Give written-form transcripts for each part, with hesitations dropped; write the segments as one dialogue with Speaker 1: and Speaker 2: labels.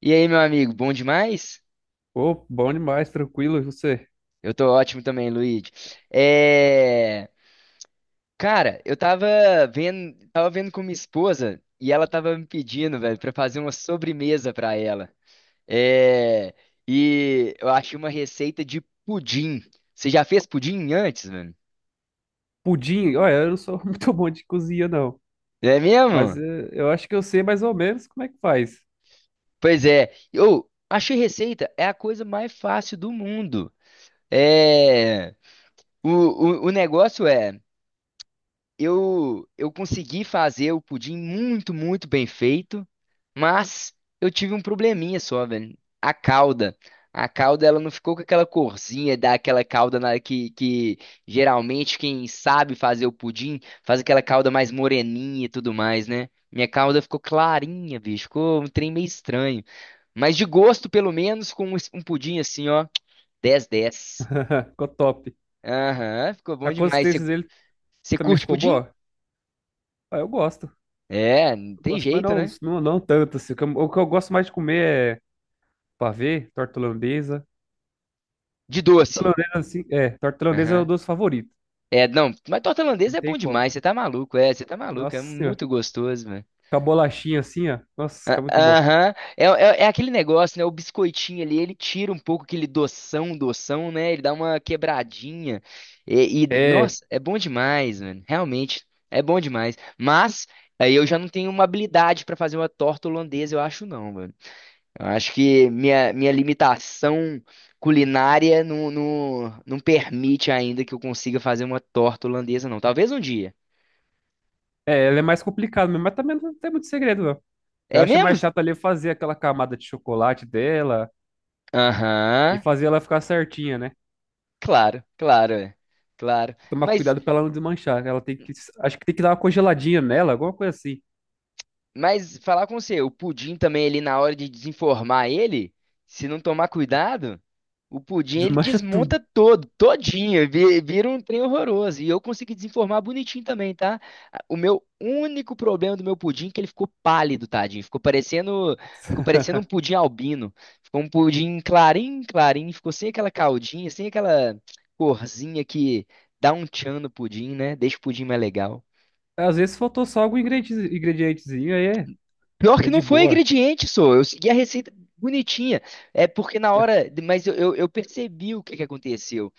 Speaker 1: E aí, meu amigo, bom demais?
Speaker 2: Pô, bom demais, tranquilo, e você?
Speaker 1: Eu tô ótimo também, Luigi. É... Cara, tava vendo com minha esposa e ela tava me pedindo, velho, pra fazer uma sobremesa pra ela. É... E eu achei uma receita de pudim. Você já fez pudim antes, velho?
Speaker 2: Pudim, olha, eu não sou muito bom de cozinha, não.
Speaker 1: É
Speaker 2: Mas
Speaker 1: mesmo?
Speaker 2: eu acho que eu sei mais ou menos como é que faz.
Speaker 1: Pois é. Eu achei receita é a coisa mais fácil do mundo. É... o negócio é eu consegui fazer o pudim muito, muito bem feito, mas eu tive um probleminha só, velho. A calda. A calda, ela não ficou com aquela corzinha daquela calda que geralmente quem sabe fazer o pudim faz aquela calda mais moreninha e tudo mais, né? Minha calda ficou clarinha, bicho. Ficou um trem meio estranho. Mas de gosto, pelo menos, com um pudim assim, ó, dez, dez.
Speaker 2: Ficou top.
Speaker 1: Aham, ficou
Speaker 2: A
Speaker 1: bom demais. Você
Speaker 2: consistência dele
Speaker 1: você
Speaker 2: também
Speaker 1: curte
Speaker 2: ficou
Speaker 1: pudim?
Speaker 2: boa? Ah, eu gosto.
Speaker 1: É, não
Speaker 2: Eu
Speaker 1: tem
Speaker 2: gosto, mas
Speaker 1: jeito, né?
Speaker 2: não tanto, assim. O que eu gosto mais de comer é pavê, torta holandesa.
Speaker 1: De
Speaker 2: Torta
Speaker 1: doce.
Speaker 2: holandesa, assim, é, torta holandesa é o
Speaker 1: Aham.
Speaker 2: doce favorito.
Speaker 1: É, não, mas torta
Speaker 2: Não
Speaker 1: holandesa é
Speaker 2: tem
Speaker 1: bom
Speaker 2: como.
Speaker 1: demais, você tá maluco, é, você tá maluco, é
Speaker 2: Nossa senhora.
Speaker 1: muito gostoso, velho.
Speaker 2: Com a bolachinha assim, ó. Nossa,
Speaker 1: Ah,
Speaker 2: fica muito bom.
Speaker 1: aham, é, é, é aquele negócio, né, o biscoitinho ali, ele tira um pouco aquele doção, doção, né, ele dá uma quebradinha,
Speaker 2: É,
Speaker 1: nossa, é bom demais, mano, realmente, é bom demais, mas aí eu já não tenho uma habilidade pra fazer uma torta holandesa, eu acho não, mano. Eu acho que minha limitação culinária não permite ainda que eu consiga fazer uma torta holandesa, não. Talvez um dia.
Speaker 2: é, ela é mais complicada mesmo, mas também não tem muito segredo, não. Eu
Speaker 1: É
Speaker 2: acho
Speaker 1: mesmo?
Speaker 2: mais chato ali fazer aquela camada de chocolate dela e
Speaker 1: Aham,
Speaker 2: fazer ela ficar certinha, né?
Speaker 1: claro, claro, é, claro.
Speaker 2: Tomar
Speaker 1: Mas
Speaker 2: cuidado pra ela não desmanchar. Ela tem que, acho que tem que dar uma congeladinha nela, alguma coisa assim.
Speaker 1: Mas falar com você, o pudim também ali na hora de desenformar ele, se não tomar cuidado, o pudim ele
Speaker 2: Desmancha tudo.
Speaker 1: desmonta todo, todinho, vira um trem horroroso. E eu consegui desenformar bonitinho também, tá? O meu único problema do meu pudim é que ele ficou pálido, tadinho. Ficou parecendo um pudim albino. Ficou um pudim clarinho, clarinho, ficou sem aquela caldinha, sem aquela corzinha que dá um tchan no pudim, né? Deixa o pudim mais legal.
Speaker 2: Às vezes faltou só algum ingrediente, ingredientezinho, aí é,
Speaker 1: Pior
Speaker 2: é
Speaker 1: que não
Speaker 2: de
Speaker 1: foi
Speaker 2: boa.
Speaker 1: ingrediente, só. Eu segui a receita bonitinha. É porque na
Speaker 2: É.
Speaker 1: hora. Mas eu percebi o que que aconteceu.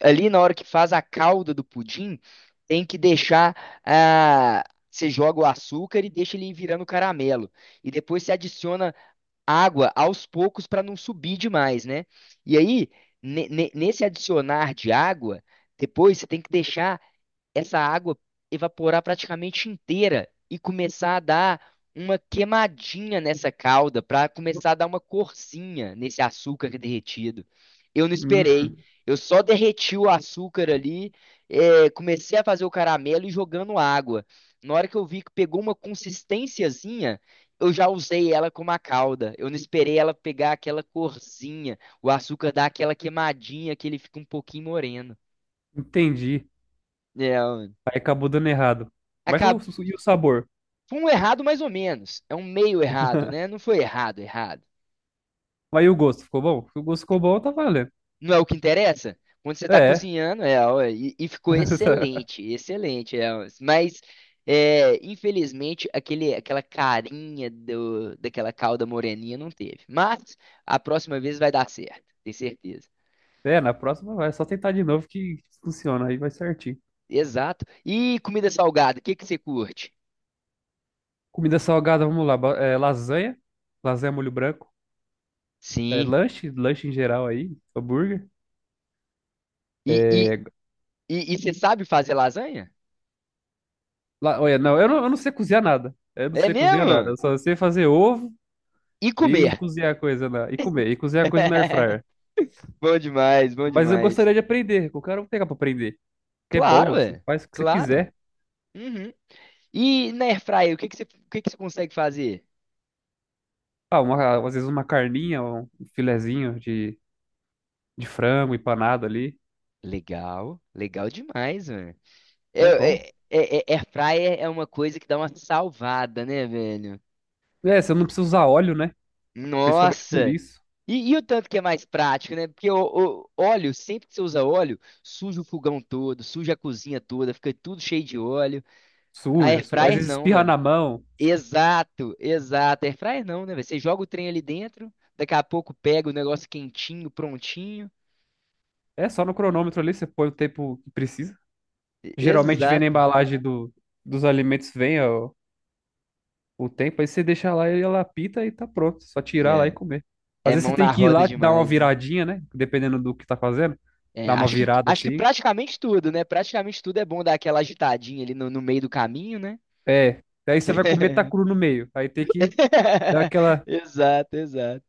Speaker 1: Ali na hora que faz a calda do pudim, tem que deixar. Ah, você joga o açúcar e deixa ele ir virando caramelo. E depois você adiciona água aos poucos para não subir demais, né? E aí, nesse adicionar de água, depois você tem que deixar essa água evaporar praticamente inteira e começar a dar uma queimadinha nessa calda, para começar a dar uma corzinha nesse açúcar derretido. Eu não
Speaker 2: Hum,
Speaker 1: esperei. Eu só derreti o açúcar ali, comecei a fazer o caramelo e jogando água. Na hora que eu vi que pegou uma consistênciazinha, eu já usei ela como a calda. Eu não esperei ela pegar aquela corzinha, o açúcar dar aquela queimadinha que ele fica um pouquinho moreno.
Speaker 2: entendi.
Speaker 1: É,
Speaker 2: Aí acabou dando errado. Mas o,
Speaker 1: acab-
Speaker 2: e o sabor?
Speaker 1: Foi um errado mais ou menos. É um meio errado, né? Não foi errado, errado.
Speaker 2: Mas e o gosto? Ficou bom? Se o gosto ficou bom, tá valendo.
Speaker 1: Não é o que interessa? Quando você está
Speaker 2: É.
Speaker 1: cozinhando, é, ó, e ficou excelente, excelente. É, ó. Mas, é, infelizmente, aquela carinha do, daquela calda moreninha não teve. Mas a próxima vez vai dar certo, tenho certeza.
Speaker 2: É, na próxima vai. É só tentar de novo que funciona. Aí vai certinho.
Speaker 1: Exato. E comida salgada, o que que você curte?
Speaker 2: Comida salgada, vamos lá. É, lasanha molho branco. É,
Speaker 1: Sim.
Speaker 2: lanche em geral aí, hambúrguer.
Speaker 1: E, e,
Speaker 2: É,
Speaker 1: e você sabe fazer lasanha?
Speaker 2: Olha, eu não sei cozinhar nada. Eu não
Speaker 1: É
Speaker 2: sei cozinhar nada.
Speaker 1: mesmo?
Speaker 2: Eu só sei fazer ovo
Speaker 1: E
Speaker 2: e
Speaker 1: comer.
Speaker 2: cozinhar coisa na, e comer, e cozinhar coisa na air fryer.
Speaker 1: Bom demais, bom
Speaker 2: Mas eu
Speaker 1: demais.
Speaker 2: gostaria de aprender. Qualquer hora eu quero pegar pra aprender. Que é
Speaker 1: Claro,
Speaker 2: bom, você
Speaker 1: é.
Speaker 2: faz o que você
Speaker 1: Claro.
Speaker 2: quiser.
Speaker 1: Uhum. E na Airfryer, o que que você consegue fazer?
Speaker 2: Ah, uma, às vezes uma carninha, um filezinho de frango empanado ali.
Speaker 1: Legal, legal demais, mano. É,
Speaker 2: É bom.
Speaker 1: é, Airfryer é uma coisa que dá uma salvada, né, velho?
Speaker 2: É, você não precisa usar óleo, né? Principalmente por
Speaker 1: Nossa!
Speaker 2: isso.
Speaker 1: E o tanto que é mais prático, né? Porque o óleo, sempre que você usa óleo, suja o fogão todo, suja a cozinha toda, fica tudo cheio de óleo. A
Speaker 2: Suja, às
Speaker 1: Airfryer
Speaker 2: vezes
Speaker 1: não,
Speaker 2: espirra
Speaker 1: velho.
Speaker 2: na mão.
Speaker 1: Exato, exato. Airfryer não, né, velho? Você joga o trem ali dentro, daqui a pouco pega o negócio quentinho, prontinho.
Speaker 2: É só no cronômetro ali, você põe o tempo que precisa. Geralmente vem na
Speaker 1: Exato.
Speaker 2: embalagem dos alimentos, vem ó, o tempo, aí você deixa lá e ela apita e tá pronto. Só tirar lá e
Speaker 1: É,
Speaker 2: comer. Às
Speaker 1: é
Speaker 2: vezes você
Speaker 1: mão
Speaker 2: tem
Speaker 1: na
Speaker 2: que ir
Speaker 1: roda
Speaker 2: lá, dar uma
Speaker 1: demais, né?
Speaker 2: viradinha, né? Dependendo do que tá fazendo.
Speaker 1: É,
Speaker 2: Dar uma virada
Speaker 1: acho que
Speaker 2: assim.
Speaker 1: praticamente tudo, né? Praticamente tudo é bom dar aquela agitadinha ali no meio do caminho, né?
Speaker 2: É. Aí você vai comer, tá cru no meio. Aí tem que dar aquela
Speaker 1: Exato, exato.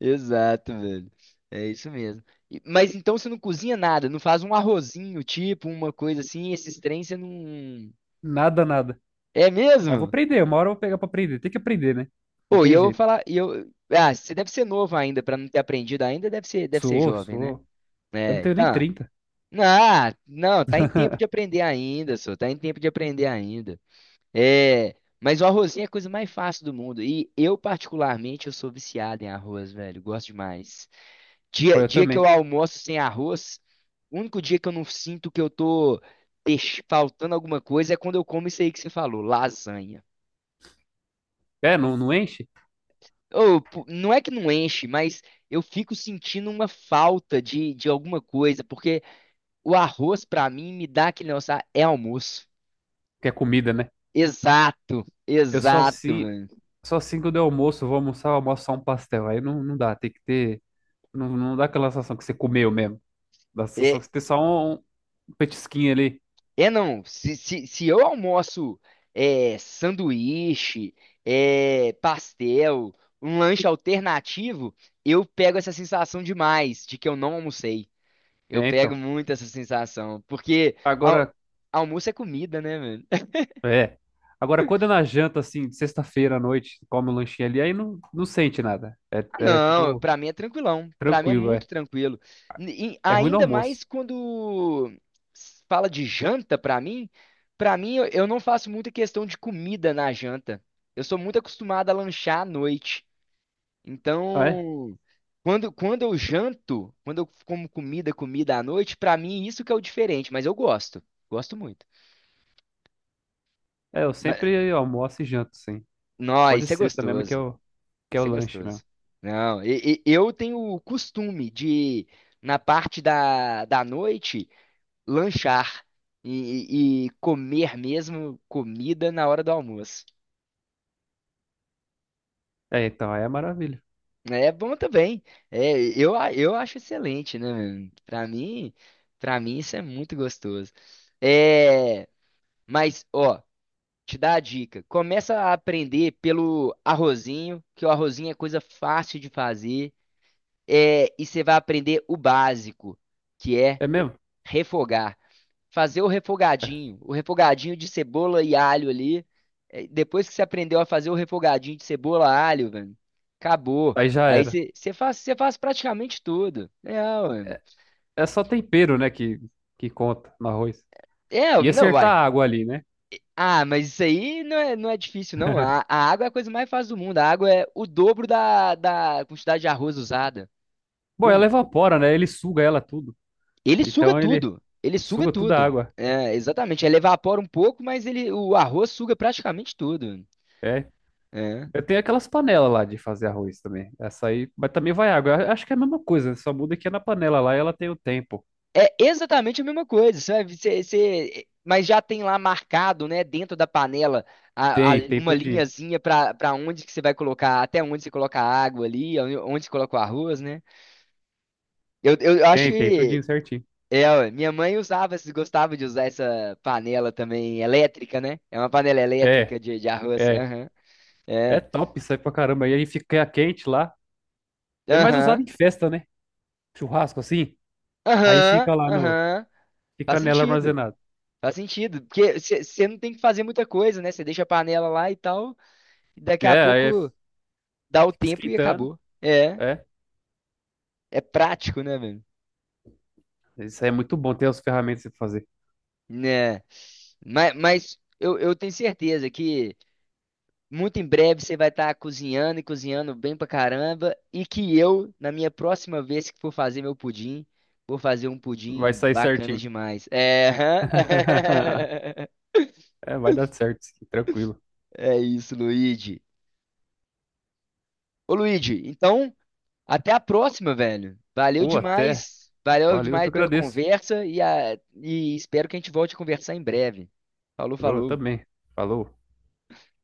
Speaker 1: Exato, velho. É isso mesmo. Mas então você não cozinha nada, não faz um arrozinho, tipo, uma coisa assim, esses trem você não.
Speaker 2: nada, nada.
Speaker 1: É
Speaker 2: Mas vou
Speaker 1: mesmo?
Speaker 2: aprender, uma hora eu vou pegar pra aprender. Tem que aprender, né? Não
Speaker 1: Pô, e
Speaker 2: tem
Speaker 1: eu vou
Speaker 2: jeito.
Speaker 1: falar, e eu, ah, você deve ser novo ainda pra não ter aprendido ainda, deve ser
Speaker 2: Suou,
Speaker 1: jovem, né?
Speaker 2: suou. Eu não
Speaker 1: É,
Speaker 2: tenho nem
Speaker 1: tá.
Speaker 2: 30.
Speaker 1: Ah, não, tá em tempo de aprender ainda. É, mas o arrozinho é a coisa mais fácil do mundo. E eu, particularmente, eu sou viciado em arroz, velho, gosto demais.
Speaker 2: Pô, eu
Speaker 1: Dia que eu
Speaker 2: também.
Speaker 1: almoço sem arroz, o único dia que eu não sinto que eu tô faltando alguma coisa é quando eu como isso aí que você falou, lasanha.
Speaker 2: É, não, não enche?
Speaker 1: Não é que não enche, mas eu fico sentindo uma falta de alguma coisa, porque o arroz, pra mim, me dá aquele negócio, "Ah, é almoço."
Speaker 2: Porque é comida, né?
Speaker 1: Exato,
Speaker 2: Eu
Speaker 1: exato, mano.
Speaker 2: só assim quando eu almoço, eu vou almoçar, eu almoço só um pastel. Aí não dá, tem que ter. Não dá aquela sensação que você comeu mesmo. Dá a sensação
Speaker 1: É,
Speaker 2: que você tem só um petisquinho ali.
Speaker 1: se eu almoço é, sanduíche, é, pastel, um lanche alternativo, eu pego essa sensação demais de que eu não almocei. Eu
Speaker 2: É,
Speaker 1: pego
Speaker 2: então.
Speaker 1: muito essa sensação, porque al-
Speaker 2: Agora,
Speaker 1: almoço é comida, né, mano?
Speaker 2: é. Agora, quando é na janta, assim, de sexta-feira à noite, come um lanchinho ali, aí não sente nada. É,
Speaker 1: Ah,
Speaker 2: é
Speaker 1: não,
Speaker 2: tipo,
Speaker 1: pra mim é tranquilão. Pra mim é
Speaker 2: tranquilo,
Speaker 1: muito
Speaker 2: é.
Speaker 1: tranquilo. E
Speaker 2: É ruim no
Speaker 1: ainda mais
Speaker 2: almoço.
Speaker 1: quando se fala de janta, pra mim, para mim eu não faço muita questão de comida na janta. Eu sou muito acostumado a lanchar à noite.
Speaker 2: Ah, é?
Speaker 1: Então, quando eu janto, quando eu como comida, comida à noite, pra mim isso que é o diferente, mas eu gosto. Gosto muito.
Speaker 2: É, eu
Speaker 1: Mas,
Speaker 2: sempre almoço e janto, sim.
Speaker 1: nó,
Speaker 2: Só de
Speaker 1: isso é
Speaker 2: sexta mesmo
Speaker 1: gostoso.
Speaker 2: que é o
Speaker 1: Isso é
Speaker 2: lanche mesmo.
Speaker 1: gostoso. Não, eu tenho o costume de, na parte da noite, lanchar e comer mesmo comida na hora do almoço.
Speaker 2: É, então, aí é maravilha.
Speaker 1: É bom também. É, eu acho excelente, né, mano? Pra mim isso é muito gostoso. É, mas, ó, te dá a dica. Começa a aprender pelo arrozinho, que o arrozinho é coisa fácil de fazer. É, e você vai aprender o básico, que é
Speaker 2: É mesmo?
Speaker 1: refogar. Fazer o refogadinho de cebola e alho ali. É, depois que você aprendeu a fazer o refogadinho de cebola e alho, velho, acabou.
Speaker 2: Aí já
Speaker 1: Aí
Speaker 2: era.
Speaker 1: você faz praticamente tudo. É, ué.
Speaker 2: É só tempero, né, que conta no arroz.
Speaker 1: É,
Speaker 2: E
Speaker 1: não
Speaker 2: acertar
Speaker 1: vai.
Speaker 2: a água ali, né?
Speaker 1: Ah, mas isso aí não é, não é difícil, não. A água é a coisa mais fácil do mundo. A água é o dobro da quantidade de arroz usada.
Speaker 2: Bom,
Speaker 1: Bum,
Speaker 2: ela evapora, né? Ele suga ela tudo.
Speaker 1: ele suga
Speaker 2: Então ele
Speaker 1: tudo. Ele suga
Speaker 2: suga toda a
Speaker 1: tudo.
Speaker 2: água.
Speaker 1: É, exatamente. Ele evapora um pouco, mas ele, o arroz suga praticamente tudo.
Speaker 2: É.
Speaker 1: É.
Speaker 2: Eu tenho aquelas panelas lá de fazer arroz também. Essa aí, mas também vai água. Eu acho que é a mesma coisa, né? Só muda que é na panela lá e ela tem o tempo.
Speaker 1: É exatamente a mesma coisa, sabe? Mas já tem lá marcado, né, dentro da panela,
Speaker 2: Tem, tem
Speaker 1: uma
Speaker 2: tudinho.
Speaker 1: linhazinha para para onde que você vai colocar, até onde você coloca a água ali, onde onde você coloca o arroz, né? Eu acho
Speaker 2: Tem, tem tudinho
Speaker 1: que
Speaker 2: certinho.
Speaker 1: é, ué, minha mãe usava, gostava de usar essa panela também elétrica, né? É uma panela
Speaker 2: É,
Speaker 1: elétrica de arroz.
Speaker 2: é.
Speaker 1: Aham.
Speaker 2: É
Speaker 1: É.
Speaker 2: top isso aí pra caramba. E aí fica quente lá. É mais usado
Speaker 1: Aham.
Speaker 2: em festa, né? Churrasco assim. Aí
Speaker 1: Aham,
Speaker 2: fica lá no.
Speaker 1: aham. Faz
Speaker 2: Fica nela
Speaker 1: sentido.
Speaker 2: armazenada.
Speaker 1: Faz sentido. Porque você não tem que fazer muita coisa, né? Você deixa a panela lá e tal. E daqui a
Speaker 2: É, aí
Speaker 1: pouco dá o
Speaker 2: fica
Speaker 1: tempo e
Speaker 2: esquentando.
Speaker 1: acabou. É.
Speaker 2: É.
Speaker 1: É prático, né, velho?
Speaker 2: Isso aí é muito bom ter as ferramentas pra você fazer.
Speaker 1: Né. Mas, eu tenho certeza que muito em breve você vai estar cozinhando e cozinhando bem pra caramba. E que eu, na minha próxima vez que for fazer meu pudim, vou fazer um
Speaker 2: Vai
Speaker 1: pudim
Speaker 2: sair
Speaker 1: bacana
Speaker 2: certinho.
Speaker 1: demais. É.
Speaker 2: É, vai dar certo, sim, tranquilo.
Speaker 1: É isso, Luigi. Ô, Luigi, então. Até a próxima, velho. Valeu
Speaker 2: Ou até,
Speaker 1: demais. Valeu
Speaker 2: valeu, eu que
Speaker 1: demais pela
Speaker 2: agradeço.
Speaker 1: conversa e, e espero que a gente volte a conversar em breve. Falou,
Speaker 2: Eu
Speaker 1: falou.
Speaker 2: também. Falou.